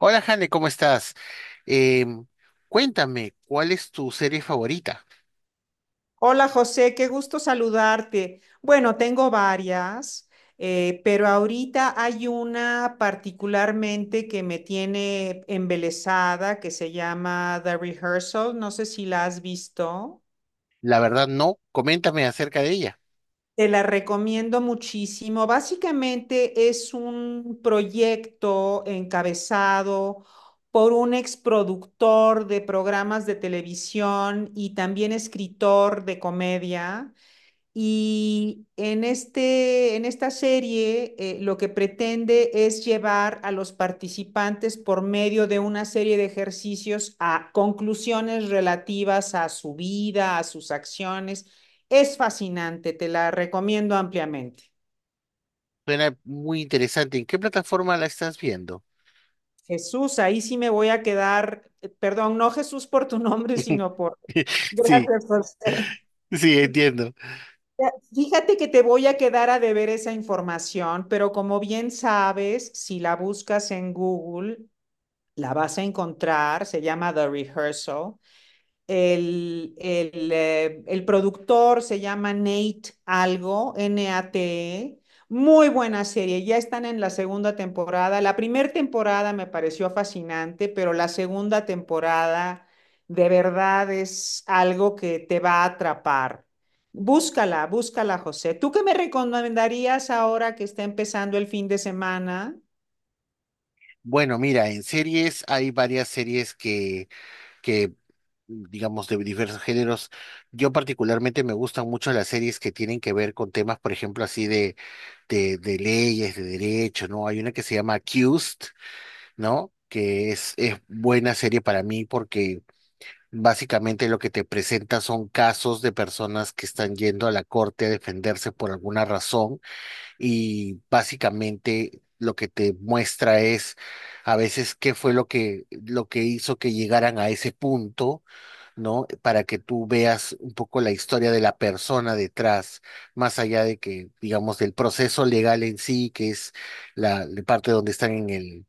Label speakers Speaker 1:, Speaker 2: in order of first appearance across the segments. Speaker 1: Hola, Jane, ¿cómo estás? Em, Cuéntame, ¿cuál es tu serie favorita?
Speaker 2: Hola José, qué gusto saludarte. Bueno, tengo varias, pero ahorita hay una particularmente que me tiene embelesada que se llama The Rehearsal. No sé si la has visto.
Speaker 1: La verdad, no. Coméntame acerca de ella.
Speaker 2: Te la recomiendo muchísimo. Básicamente es un proyecto encabezado por un exproductor de programas de televisión y también escritor de comedia. Y en en esta serie, lo que pretende es llevar a los participantes por medio de una serie de ejercicios a conclusiones relativas a su vida, a sus acciones. Es fascinante, te la recomiendo ampliamente.
Speaker 1: Suena muy interesante. ¿En qué plataforma la estás viendo?
Speaker 2: Jesús, ahí sí me voy a quedar, perdón, no Jesús por tu nombre, sino por...
Speaker 1: Sí,
Speaker 2: Gracias, José.
Speaker 1: sí, entiendo.
Speaker 2: Ya, fíjate que te voy a quedar a deber esa información, pero como bien sabes, si la buscas en Google, la vas a encontrar. Se llama The Rehearsal. El productor se llama Nate Algo, Nate. Muy buena serie, ya están en la segunda temporada. La primera temporada me pareció fascinante, pero la segunda temporada de verdad es algo que te va a atrapar. Búscala, búscala, José. ¿Tú qué me recomendarías ahora que está empezando el fin de semana?
Speaker 1: Bueno, mira, en series hay varias series que digamos, de diversos géneros. Yo particularmente me gustan mucho las series que tienen que ver con temas, por ejemplo, así de leyes, de derecho, ¿no? Hay una que se llama Accused, ¿no? Es buena serie para mí porque básicamente lo que te presenta son casos de personas que están yendo a la corte a defenderse por alguna razón, y básicamente lo que te muestra es, a veces, qué fue lo que hizo que llegaran a ese punto, ¿no? Para que tú veas un poco la historia de la persona detrás, más allá de que, digamos, del proceso legal en sí, que es la parte donde están en el,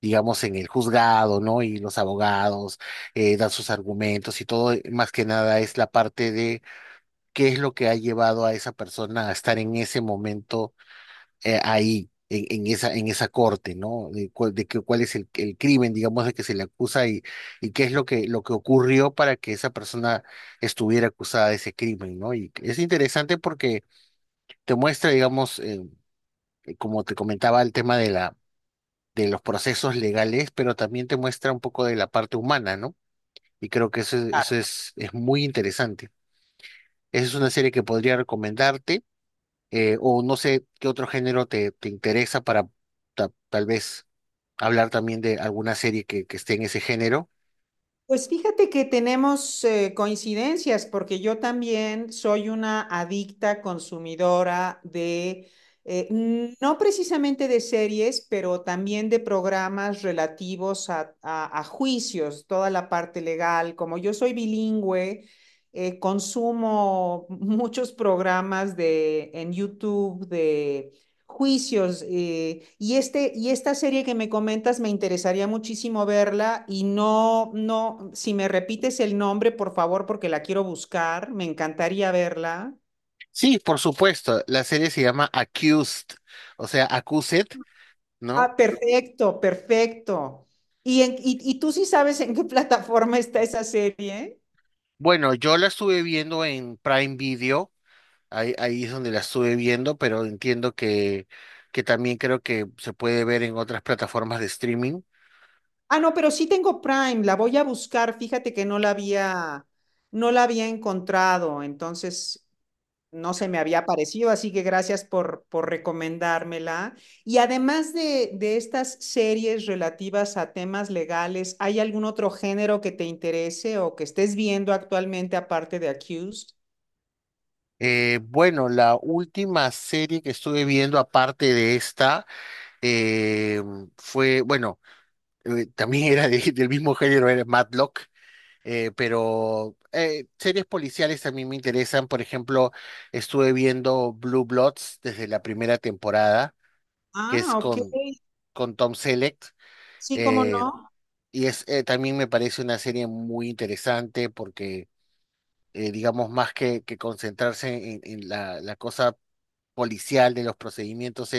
Speaker 1: digamos, en el juzgado, ¿no? Y los abogados, dan sus argumentos y todo. Más que nada es la parte de qué es lo que ha llevado a esa persona a estar en ese momento, ahí. En esa, en esa corte, ¿no? De, cuál es el crimen, digamos, de que se le acusa, y qué es lo que ocurrió para que esa persona estuviera acusada de ese crimen, ¿no? Y es interesante porque te muestra, digamos, como te comentaba, el tema de de los procesos legales, pero también te muestra un poco de la parte humana, ¿no? Y creo que eso es muy interesante. Esa es una serie que podría recomendarte. O no sé qué otro género te interesa para, tal vez hablar también de alguna serie que esté en ese género.
Speaker 2: Pues fíjate que tenemos coincidencias, porque yo también soy una adicta consumidora de, no precisamente de series, pero también de programas relativos a, a juicios, toda la parte legal. Como yo soy bilingüe, consumo muchos programas de, en YouTube juicios. Y, y esta serie que me comentas me interesaría muchísimo verla y no, no, si me repites el nombre, por favor, porque la quiero buscar, me encantaría verla.
Speaker 1: Sí, por supuesto, la serie se llama Accused, o sea, Accused, ¿no?
Speaker 2: Ah, perfecto, perfecto. ¿Y, y tú sí sabes en qué plataforma está esa serie?
Speaker 1: Bueno, yo la estuve viendo en Prime Video. Ahí es donde la estuve viendo, pero entiendo que también creo que se puede ver en otras plataformas de streaming.
Speaker 2: Ah, no, pero sí tengo Prime, la voy a buscar. Fíjate que no la había, no la había encontrado, entonces no se me había parecido, así que gracias por recomendármela. Y además de estas series relativas a temas legales, ¿hay algún otro género que te interese o que estés viendo actualmente aparte de Accused?
Speaker 1: Bueno, la última serie que estuve viendo, aparte de esta, eh, fue, bueno, también era del mismo género, era Matlock. Series policiales también me interesan. Por ejemplo, estuve viendo Blue Bloods desde la primera temporada, que es
Speaker 2: Ah, ok.
Speaker 1: con Tom Selleck.
Speaker 2: Sí, cómo
Speaker 1: eh,
Speaker 2: no.
Speaker 1: Y es, también me parece una serie muy interesante porque, digamos, más que concentrarse en la cosa policial de los procedimientos,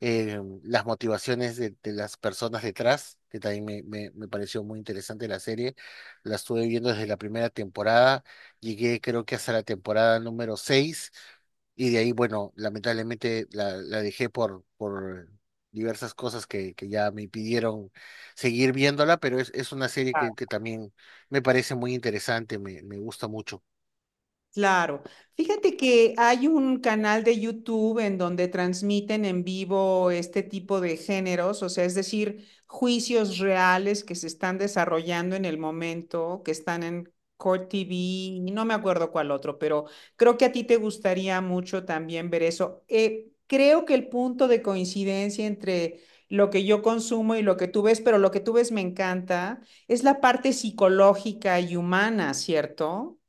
Speaker 1: las motivaciones de las personas detrás, que también me pareció muy interesante la serie. La estuve viendo desde la primera temporada, llegué creo que hasta la temporada número seis, y de ahí, bueno, lamentablemente la dejé por diversas cosas que ya me impidieron seguir viéndola, pero es una serie que también me parece muy interesante, me gusta mucho.
Speaker 2: Claro. Fíjate que hay un canal de YouTube en donde transmiten en vivo este tipo de géneros, o sea, es decir, juicios reales que se están desarrollando en el momento, que están en Court TV, y no me acuerdo cuál otro, pero creo que a ti te gustaría mucho también ver eso. Creo que el punto de coincidencia entre lo que yo consumo y lo que tú ves, pero lo que tú ves me encanta, es la parte psicológica y humana, ¿cierto?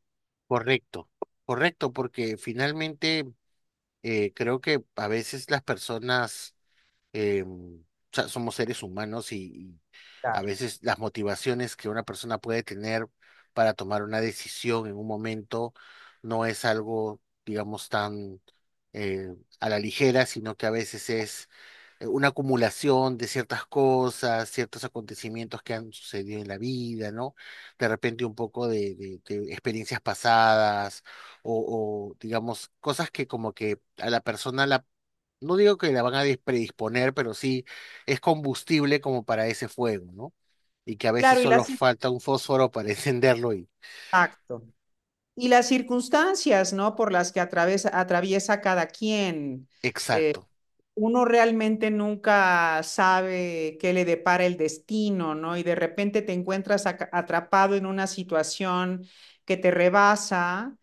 Speaker 1: Correcto, correcto, porque finalmente, creo que a veces las personas, o sea, somos seres humanos, y a veces las motivaciones que una persona puede tener para tomar una decisión en un momento no es algo, digamos, tan, eh, a la ligera, sino que a veces es, una acumulación de ciertas cosas, ciertos acontecimientos que han sucedido en la vida, ¿no? De repente un poco de, de experiencias pasadas, o, digamos, cosas que, como que a la persona la, no digo que la van a predisponer, pero sí es combustible como para ese fuego, ¿no? Y que a veces
Speaker 2: Claro, y
Speaker 1: solo
Speaker 2: las.
Speaker 1: falta un fósforo para encenderlo y
Speaker 2: Exacto. Y las circunstancias, ¿no? Por las que atraviesa, atraviesa cada quien. Eh,
Speaker 1: exacto.
Speaker 2: Uno realmente nunca sabe qué le depara el destino, ¿no? Y de repente te encuentras atrapado en una situación que te rebasa,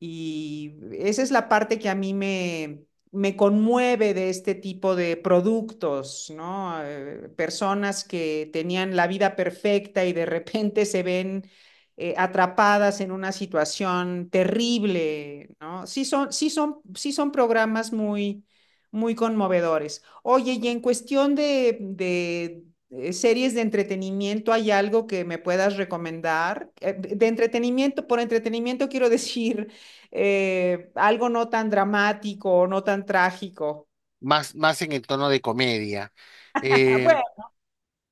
Speaker 2: y esa es la parte que a mí me conmueve de este tipo de productos, ¿no? Personas que tenían la vida perfecta y de repente se ven atrapadas en una situación terrible, ¿no? Sí son, sí son, sí son programas muy, muy conmovedores. Oye, y en cuestión de, series de entretenimiento, ¿hay algo que me puedas recomendar? De entretenimiento, por entretenimiento quiero decir algo no tan dramático, o no tan trágico.
Speaker 1: Más, más en el tono de comedia. Eh,
Speaker 2: Bueno,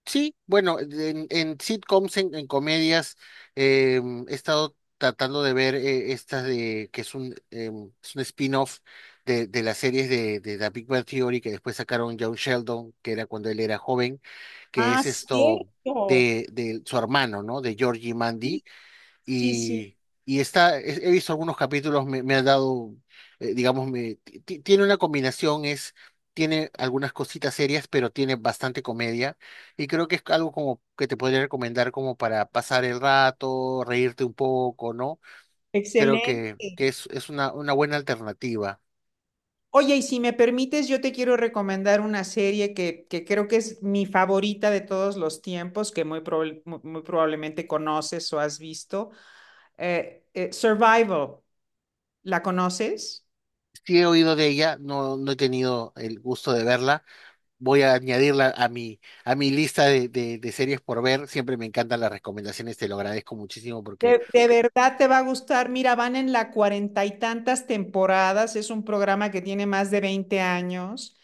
Speaker 1: sí, bueno, en sitcoms, en comedias, eh, he estado tratando de ver, esta de que es un spin-off de las series de The Big Bang Theory, que después sacaron John Sheldon, que era cuando él era joven, que
Speaker 2: ah,
Speaker 1: es esto
Speaker 2: cierto.
Speaker 1: de su hermano, ¿no? De Georgie Mandy.
Speaker 2: Sí, sí, sí,
Speaker 1: Y, y está, he visto algunos capítulos. Me ha dado, digamos, tiene una combinación, es, tiene algunas cositas serias, pero tiene bastante comedia. Y creo que es algo como que te podría recomendar como para pasar el rato, reírte un poco, ¿no? Creo
Speaker 2: excelente.
Speaker 1: que es una buena alternativa.
Speaker 2: Oye, y si me permites, yo te quiero recomendar una serie que creo que es mi favorita de todos los tiempos, que muy, muy probablemente conoces o has visto. Survival, ¿la conoces?
Speaker 1: Sí, he oído de ella. No, no he tenido el gusto de verla, voy a añadirla a mi lista de series por ver. Siempre me encantan las recomendaciones, te lo agradezco muchísimo porque
Speaker 2: De verdad te va a gustar. Mira, van en la 40 y tantas temporadas. Es un programa que tiene más de 20 años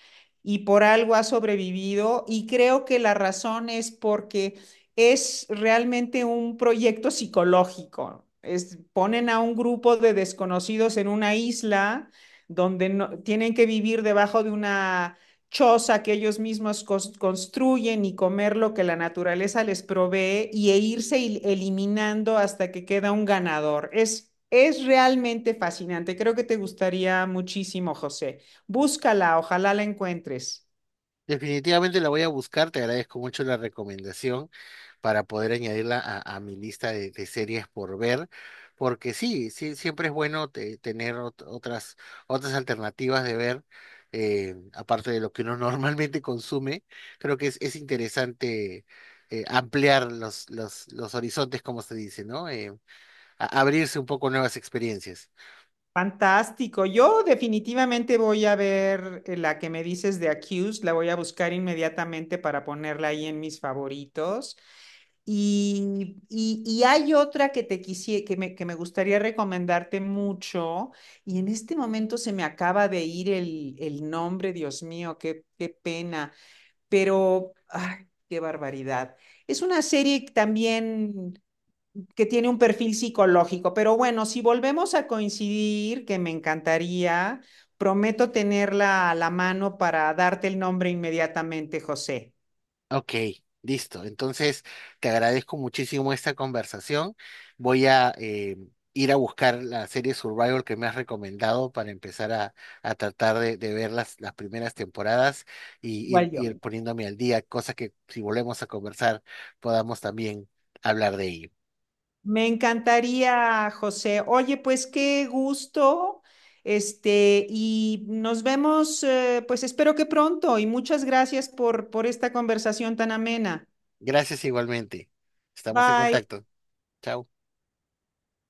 Speaker 2: y por algo ha sobrevivido. Y creo que la razón es porque es realmente un proyecto psicológico. Es, ponen a un grupo de desconocidos en una isla donde no, tienen que vivir debajo de una choza que ellos mismos construyen y comer lo que la naturaleza les provee y e irse eliminando hasta que queda un ganador. Es realmente fascinante. Creo que te gustaría muchísimo, José. Búscala, ojalá la encuentres.
Speaker 1: definitivamente la voy a buscar. Te agradezco mucho la recomendación para poder añadirla a mi lista de series por ver. Porque sí, sí, siempre es bueno tener otras, otras alternativas de ver, aparte de lo que uno normalmente consume. Creo que es interesante, ampliar los horizontes, como se dice, ¿no? Abrirse un poco a nuevas experiencias.
Speaker 2: Fantástico. Yo definitivamente voy a ver la que me dices de Accused, la voy a buscar inmediatamente para ponerla ahí en mis favoritos. Y, y hay otra que te que me gustaría recomendarte mucho, y en este momento se me acaba de ir el nombre, Dios mío, qué, qué pena, pero ay, qué barbaridad. Es una serie también que tiene un perfil psicológico, pero bueno, si volvemos a coincidir, que me encantaría, prometo tenerla a la mano para darte el nombre inmediatamente, José.
Speaker 1: Ok, listo. Entonces, te agradezco muchísimo esta conversación. Voy a, ir a buscar la serie Survivor que me has recomendado para empezar a tratar de ver las primeras temporadas, y
Speaker 2: Igual
Speaker 1: ir
Speaker 2: yo.
Speaker 1: poniéndome al día, cosa que, si volvemos a conversar, podamos también hablar de ello.
Speaker 2: Me encantaría, José. Oye, pues qué gusto. Y nos vemos, pues espero que pronto. Y muchas gracias por esta conversación tan amena.
Speaker 1: Gracias igualmente. Estamos en
Speaker 2: Bye.
Speaker 1: contacto. Chao.